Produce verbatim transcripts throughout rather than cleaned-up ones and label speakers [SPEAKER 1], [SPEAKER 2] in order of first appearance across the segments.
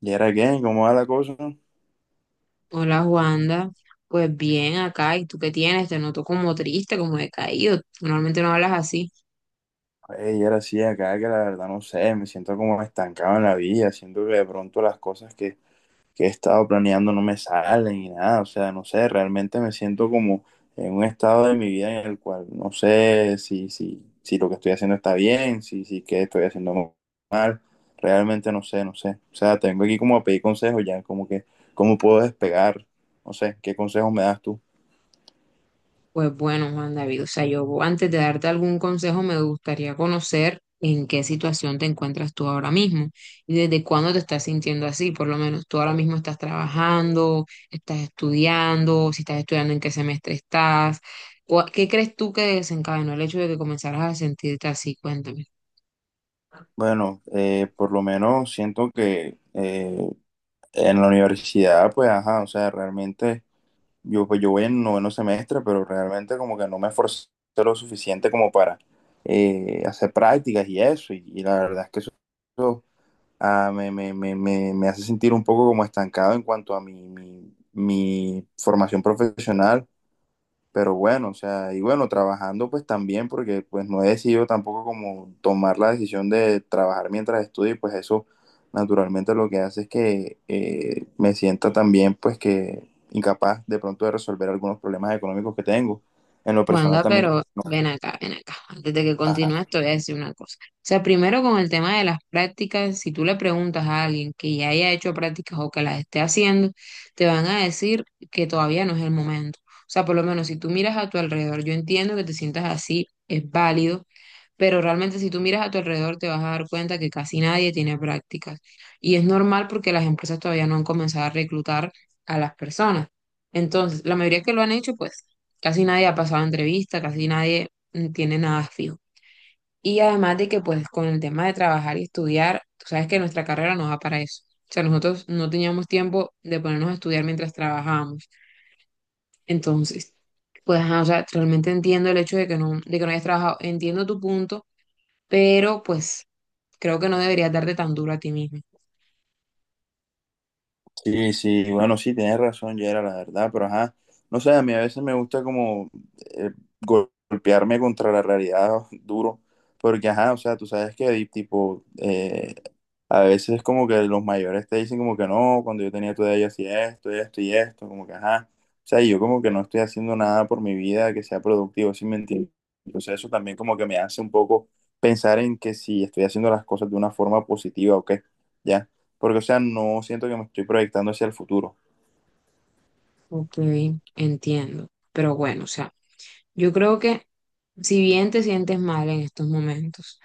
[SPEAKER 1] ¿Y era qué? ¿Cómo va la cosa?
[SPEAKER 2] Hola Wanda, pues bien acá, ¿y tú qué tienes? Te noto como triste, como decaído, normalmente no hablas así.
[SPEAKER 1] Y era así acá que la verdad no sé, me siento como estancado en la vida, siento que de pronto las cosas que, que he estado planeando no me salen y nada, o sea, no sé, realmente me siento como en un estado de mi vida en el cual no sé si, si, si lo que estoy haciendo está bien, si, si qué estoy haciendo mal, realmente no sé, no sé, o sea, tengo aquí como a pedir consejos ya, como que, ¿cómo puedo despegar? No sé, ¿qué consejos me das tú?
[SPEAKER 2] Pues bueno, Juan David, o sea, yo antes de darte algún consejo me gustaría conocer en qué situación te encuentras tú ahora mismo y desde cuándo te estás sintiendo así, por lo menos tú ahora mismo estás trabajando, estás estudiando, si estás estudiando en qué semestre estás. ¿Cuál- ¿qué crees tú que desencadenó el hecho de que comenzaras a sentirte así? Cuéntame.
[SPEAKER 1] Bueno, eh, por lo menos siento que eh, en la universidad, pues, ajá, o sea, realmente, yo, pues, yo voy en noveno semestre, pero realmente como que no me esforcé lo suficiente como para eh, hacer prácticas y eso, y, y la verdad es que eso, eso, ah, me, me, me, me, me hace sentir un poco como estancado en cuanto a mi, mi, mi formación profesional. Pero bueno, o sea, y bueno, trabajando pues también, porque pues no he decidido tampoco como tomar la decisión de trabajar mientras estudio, y pues eso naturalmente lo que hace es que eh, me sienta también pues que incapaz de pronto de resolver algunos problemas económicos que tengo. En lo personal
[SPEAKER 2] Wanda,
[SPEAKER 1] también,
[SPEAKER 2] pero ven acá, ven acá. Antes de que
[SPEAKER 1] ajá.
[SPEAKER 2] continúes, te voy a decir una cosa. O sea, primero con el tema de las prácticas, si tú le preguntas a alguien que ya haya hecho prácticas o que las esté haciendo, te van a decir que todavía no es el momento. O sea, por lo menos si tú miras a tu alrededor, yo entiendo que te sientas así, es válido, pero realmente si tú miras a tu alrededor te vas a dar cuenta que casi nadie tiene prácticas. Y es normal porque las empresas todavía no han comenzado a reclutar a las personas. Entonces, la mayoría que lo han hecho, pues casi nadie ha pasado entrevista, casi nadie mm, tiene nada fijo. Y además de que pues con el tema de trabajar y estudiar, tú sabes que nuestra carrera nos da para eso. O sea, nosotros no teníamos tiempo de ponernos a estudiar mientras trabajábamos. Entonces, pues, ajá, o sea, realmente entiendo el hecho de que no, de que no hayas trabajado, entiendo tu punto, pero pues creo que no deberías darte tan duro a ti mismo.
[SPEAKER 1] Sí, sí, bueno, sí, tienes razón, Yera, la verdad, pero ajá, no sé, a mí a veces me gusta como eh, gol- golpearme contra la realidad duro, porque ajá, o sea, tú sabes que hay, tipo, eh, a veces como que los mayores te dicen como que no, cuando yo tenía tu edad yo hacía esto, esto y esto, como que ajá, o sea, y yo como que no estoy haciendo nada por mi vida que sea productivo, sin mentir, entonces eso también como que me hace un poco pensar en que si estoy haciendo las cosas de una forma positiva o qué, ya porque, o sea, no siento que me estoy proyectando hacia el futuro.
[SPEAKER 2] Ok, entiendo. Pero bueno, o sea, yo creo que si bien te sientes mal en estos momentos,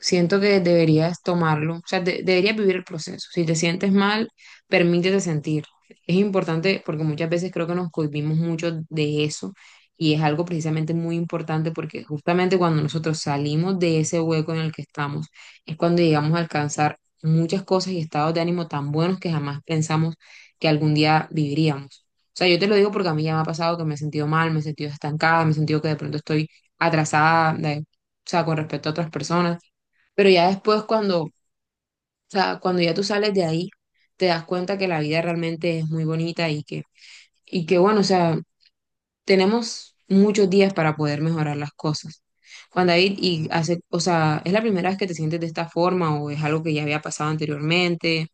[SPEAKER 2] siento que deberías tomarlo, o sea, de- deberías vivir el proceso. Si te sientes mal, permítete sentirlo. Es importante porque muchas veces creo que nos cohibimos mucho de eso y es algo precisamente muy importante porque justamente cuando nosotros salimos de ese hueco en el que estamos es cuando llegamos a alcanzar muchas cosas y estados de ánimo tan buenos que jamás pensamos que algún día viviríamos. O sea, yo te lo digo porque a mí ya me ha pasado que me he sentido mal, me he sentido estancada, me he sentido que de pronto estoy atrasada, de- o sea, con respecto a otras personas, pero ya después cuando, o sea, cuando ya tú sales de ahí, te das cuenta que la vida realmente es muy bonita y que, y que bueno, o sea, tenemos muchos días para poder mejorar las cosas. Juan David, y hace, o sea, ¿es la primera vez que te sientes de esta forma o es algo que ya había pasado anteriormente?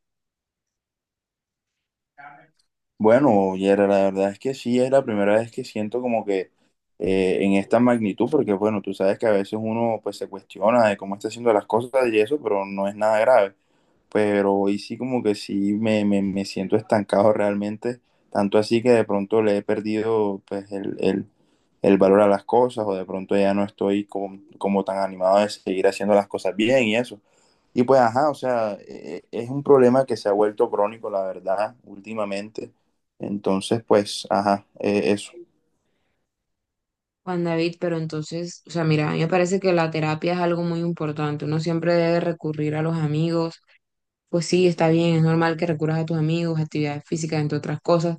[SPEAKER 1] Bueno, Yera, la verdad es que sí, es la primera vez que siento como que eh, en esta magnitud, porque, bueno, tú sabes que a veces uno pues se cuestiona de cómo está haciendo las cosas y eso, pero no es nada grave. Pero hoy sí como que sí me, me, me siento estancado realmente, tanto así que de pronto le he perdido pues el, el, el valor a las cosas o de pronto ya no estoy como, como tan animado de seguir haciendo las cosas bien y eso. Y pues, ajá, o sea, e- es un problema que se ha vuelto crónico, la verdad, últimamente. Entonces, pues, ajá, eh, eso.
[SPEAKER 2] Juan David, pero entonces, o sea, mira, a mí me parece que la terapia es algo muy importante. Uno siempre debe recurrir a los amigos, pues sí, está bien, es normal que recurras a tus amigos, actividades físicas, entre otras cosas,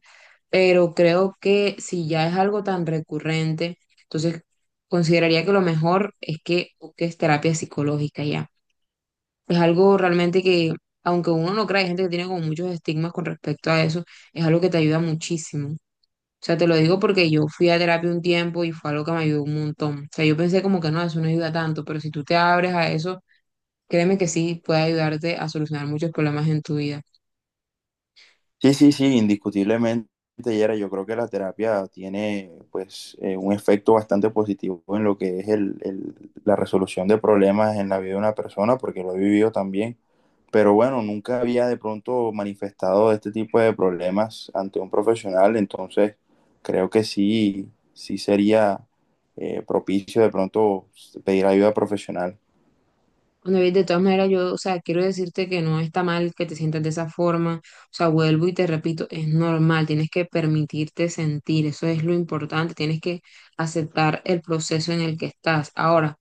[SPEAKER 2] pero creo que si ya es algo tan recurrente, entonces consideraría que lo mejor es que busques terapia psicológica ya. Es algo realmente que, aunque uno no crea, hay gente que tiene como muchos estigmas con respecto a eso, es algo que te ayuda muchísimo. O sea, te lo digo porque yo fui a terapia un tiempo y fue algo que me ayudó un montón. O sea, yo pensé como que no, eso no ayuda tanto, pero si tú te abres a eso, créeme que sí puede ayudarte a solucionar muchos problemas en tu vida.
[SPEAKER 1] Sí, sí, sí, indiscutiblemente, Yera, yo creo que la terapia tiene pues eh, un efecto bastante positivo en lo que es el, el- la resolución de problemas en la vida de una persona, porque lo he vivido también. Pero bueno, nunca había de pronto manifestado este tipo de problemas ante un profesional, entonces creo que sí, sí sería eh, propicio de pronto pedir ayuda profesional.
[SPEAKER 2] Bueno, y de todas maneras, yo, o sea, quiero decirte que no está mal que te sientas de esa forma. O sea, vuelvo y te repito, es normal, tienes que permitirte sentir, eso es lo importante, tienes que aceptar el proceso en el que estás. Ahora,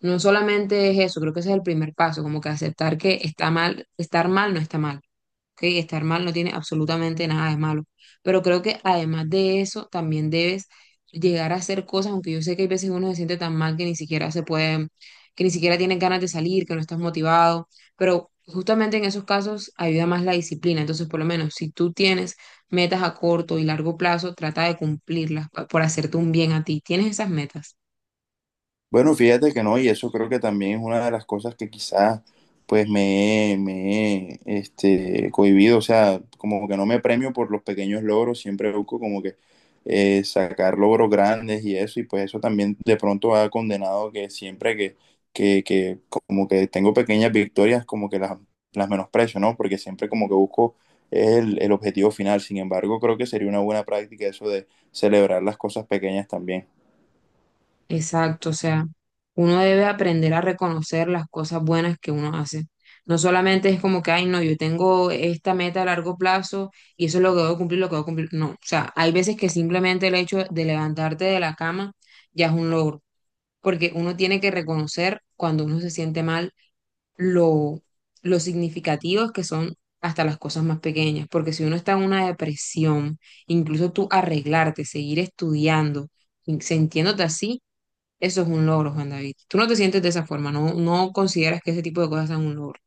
[SPEAKER 2] no solamente es eso, creo que ese es el primer paso, como que aceptar que está mal, estar mal no está mal. Ok, estar mal no tiene absolutamente nada de malo, pero creo que además de eso también debes llegar a hacer cosas, aunque yo sé que hay veces uno se siente tan mal que ni siquiera se puede, que ni siquiera tiene ganas de salir, que no estás motivado, pero justamente en esos casos ayuda más la disciplina, entonces por lo menos si tú tienes metas a corto y largo plazo, trata de cumplirlas pa- por hacerte un bien a ti, ¿tienes esas metas?
[SPEAKER 1] Bueno, fíjate que no, y eso creo que también es una de las cosas que quizás pues me, me he, este, cohibido, o sea, como que no me premio por los pequeños logros, siempre busco como que eh, sacar logros grandes y eso, y pues eso también de pronto ha condenado que siempre que, que, que como que tengo pequeñas victorias, como que las, las menosprecio, ¿no? Porque siempre como que busco el, el objetivo final. Sin embargo, creo que sería una buena práctica eso de celebrar las cosas pequeñas también.
[SPEAKER 2] Exacto, o sea, uno debe aprender a reconocer las cosas buenas que uno hace. No solamente es como que, ay, no, yo tengo esta meta a largo plazo y eso es lo que debo cumplir, lo que debo cumplir. No, o sea, hay veces que simplemente el hecho de levantarte de la cama ya es un logro, porque uno tiene que reconocer cuando uno se siente mal lo, lo significativos que son hasta las cosas más pequeñas, porque si uno está en una depresión, incluso tú arreglarte, seguir estudiando, sintiéndote así, eso es un logro, Juan David. Tú no te sientes de esa forma, no, no consideras que ese tipo de cosas sean un logro.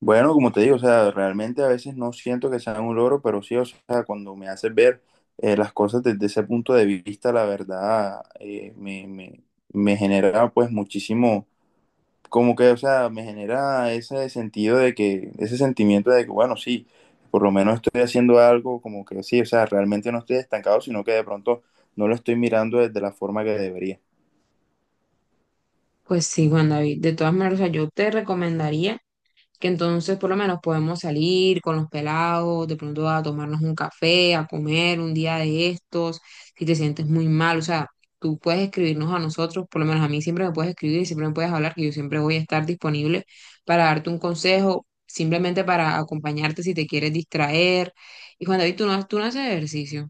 [SPEAKER 1] Bueno, como te digo, o sea, realmente a veces no siento que sea un logro, pero sí, o sea, cuando me haces ver eh, las cosas desde ese punto de vista, la verdad, eh, me, me, me genera pues muchísimo, como que, o sea, me genera ese sentido de que, ese sentimiento de que, bueno, sí, por lo menos estoy haciendo algo, como que sí, o sea, realmente no estoy estancado, sino que de pronto no lo estoy mirando desde la forma que debería.
[SPEAKER 2] Pues sí, Juan David. De todas maneras, o sea, yo te recomendaría que entonces por lo menos podemos salir con los pelados, de pronto a tomarnos un café, a comer un día de estos, si te sientes muy mal, o sea, tú puedes escribirnos a nosotros, por lo menos a mí siempre me puedes escribir y siempre me puedes hablar, que yo siempre voy a estar disponible para darte un consejo, simplemente para acompañarte si te quieres distraer. Y Juan David, tú no, tú no haces ejercicio.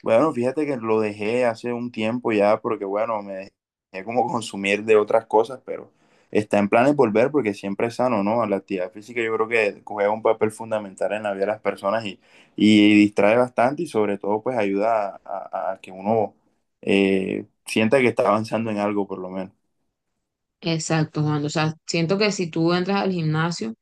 [SPEAKER 1] Bueno, fíjate que lo dejé hace un tiempo ya porque, bueno, me dejé como consumir de otras cosas, pero está en planes volver porque siempre es sano, ¿no? La actividad física yo creo que juega un papel fundamental en la vida de las personas y, y distrae bastante y sobre todo pues ayuda a, a- a que uno eh, sienta que está avanzando en algo por lo menos.
[SPEAKER 2] Exacto, Juan. O sea, siento que si tú entras al gimnasio,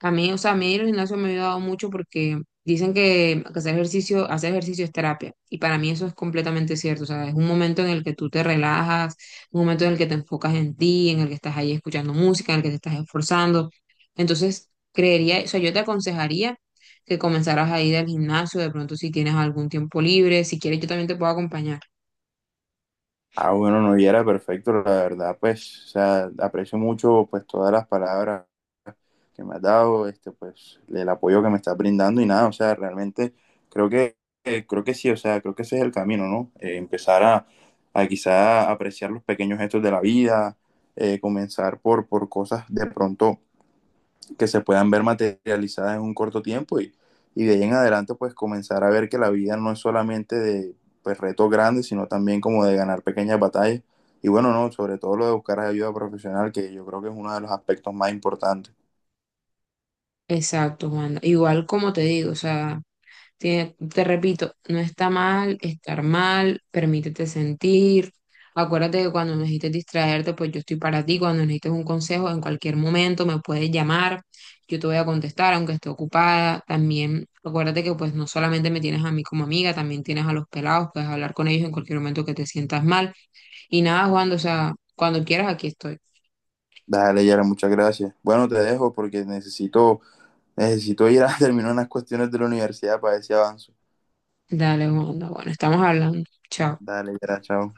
[SPEAKER 2] a mí, o sea, a mí el gimnasio me ha ayudado mucho porque dicen que que hacer ejercicio, hacer ejercicio es terapia. Y para mí eso es completamente cierto. O sea, es un momento en el que tú te relajas, un momento en el que te enfocas en ti, en el que estás ahí escuchando música, en el que te estás esforzando. Entonces, creería, o sea, yo te aconsejaría que comenzaras a ir al gimnasio, de pronto si tienes algún tiempo libre, si quieres, yo también te puedo acompañar.
[SPEAKER 1] Ah, bueno, no, y era perfecto, la verdad, pues, o sea, aprecio mucho pues todas las palabras que me has dado, este, pues el apoyo que me estás brindando y nada, o sea, realmente creo que, eh, creo que sí, o sea, creo que ese es el camino, ¿no? Eh, empezar a, a quizá apreciar los pequeños gestos de la vida, eh, comenzar por, por cosas de pronto que se puedan ver materializadas en un corto tiempo y, y de ahí en adelante pues comenzar a ver que la vida no es solamente de pues, retos grandes, sino también como de ganar pequeñas batallas. Y bueno, no, sobre todo lo de buscar ayuda profesional, que yo creo que es uno de los aspectos más importantes.
[SPEAKER 2] Exacto, Juan. Igual como te digo, o sea. Tiene- te repito, no está mal estar mal, permítete sentir. Acuérdate que cuando necesites distraerte, pues yo estoy para ti. Cuando necesites un consejo, en cualquier momento me puedes llamar. Yo te voy a contestar, aunque esté ocupada. También acuérdate que pues no solamente me tienes a mí como amiga, también tienes a los pelados. Puedes hablar con ellos en cualquier momento que te sientas mal. Y nada, Juan, o sea, cuando quieras, aquí estoy.
[SPEAKER 1] Dale, Yara, muchas gracias. Bueno, te dejo porque necesito, necesito ir a terminar unas cuestiones de la universidad para ver si avanzo.
[SPEAKER 2] Dale, Juan, bueno, estamos hablando. Chao.
[SPEAKER 1] Dale, Yara, chao.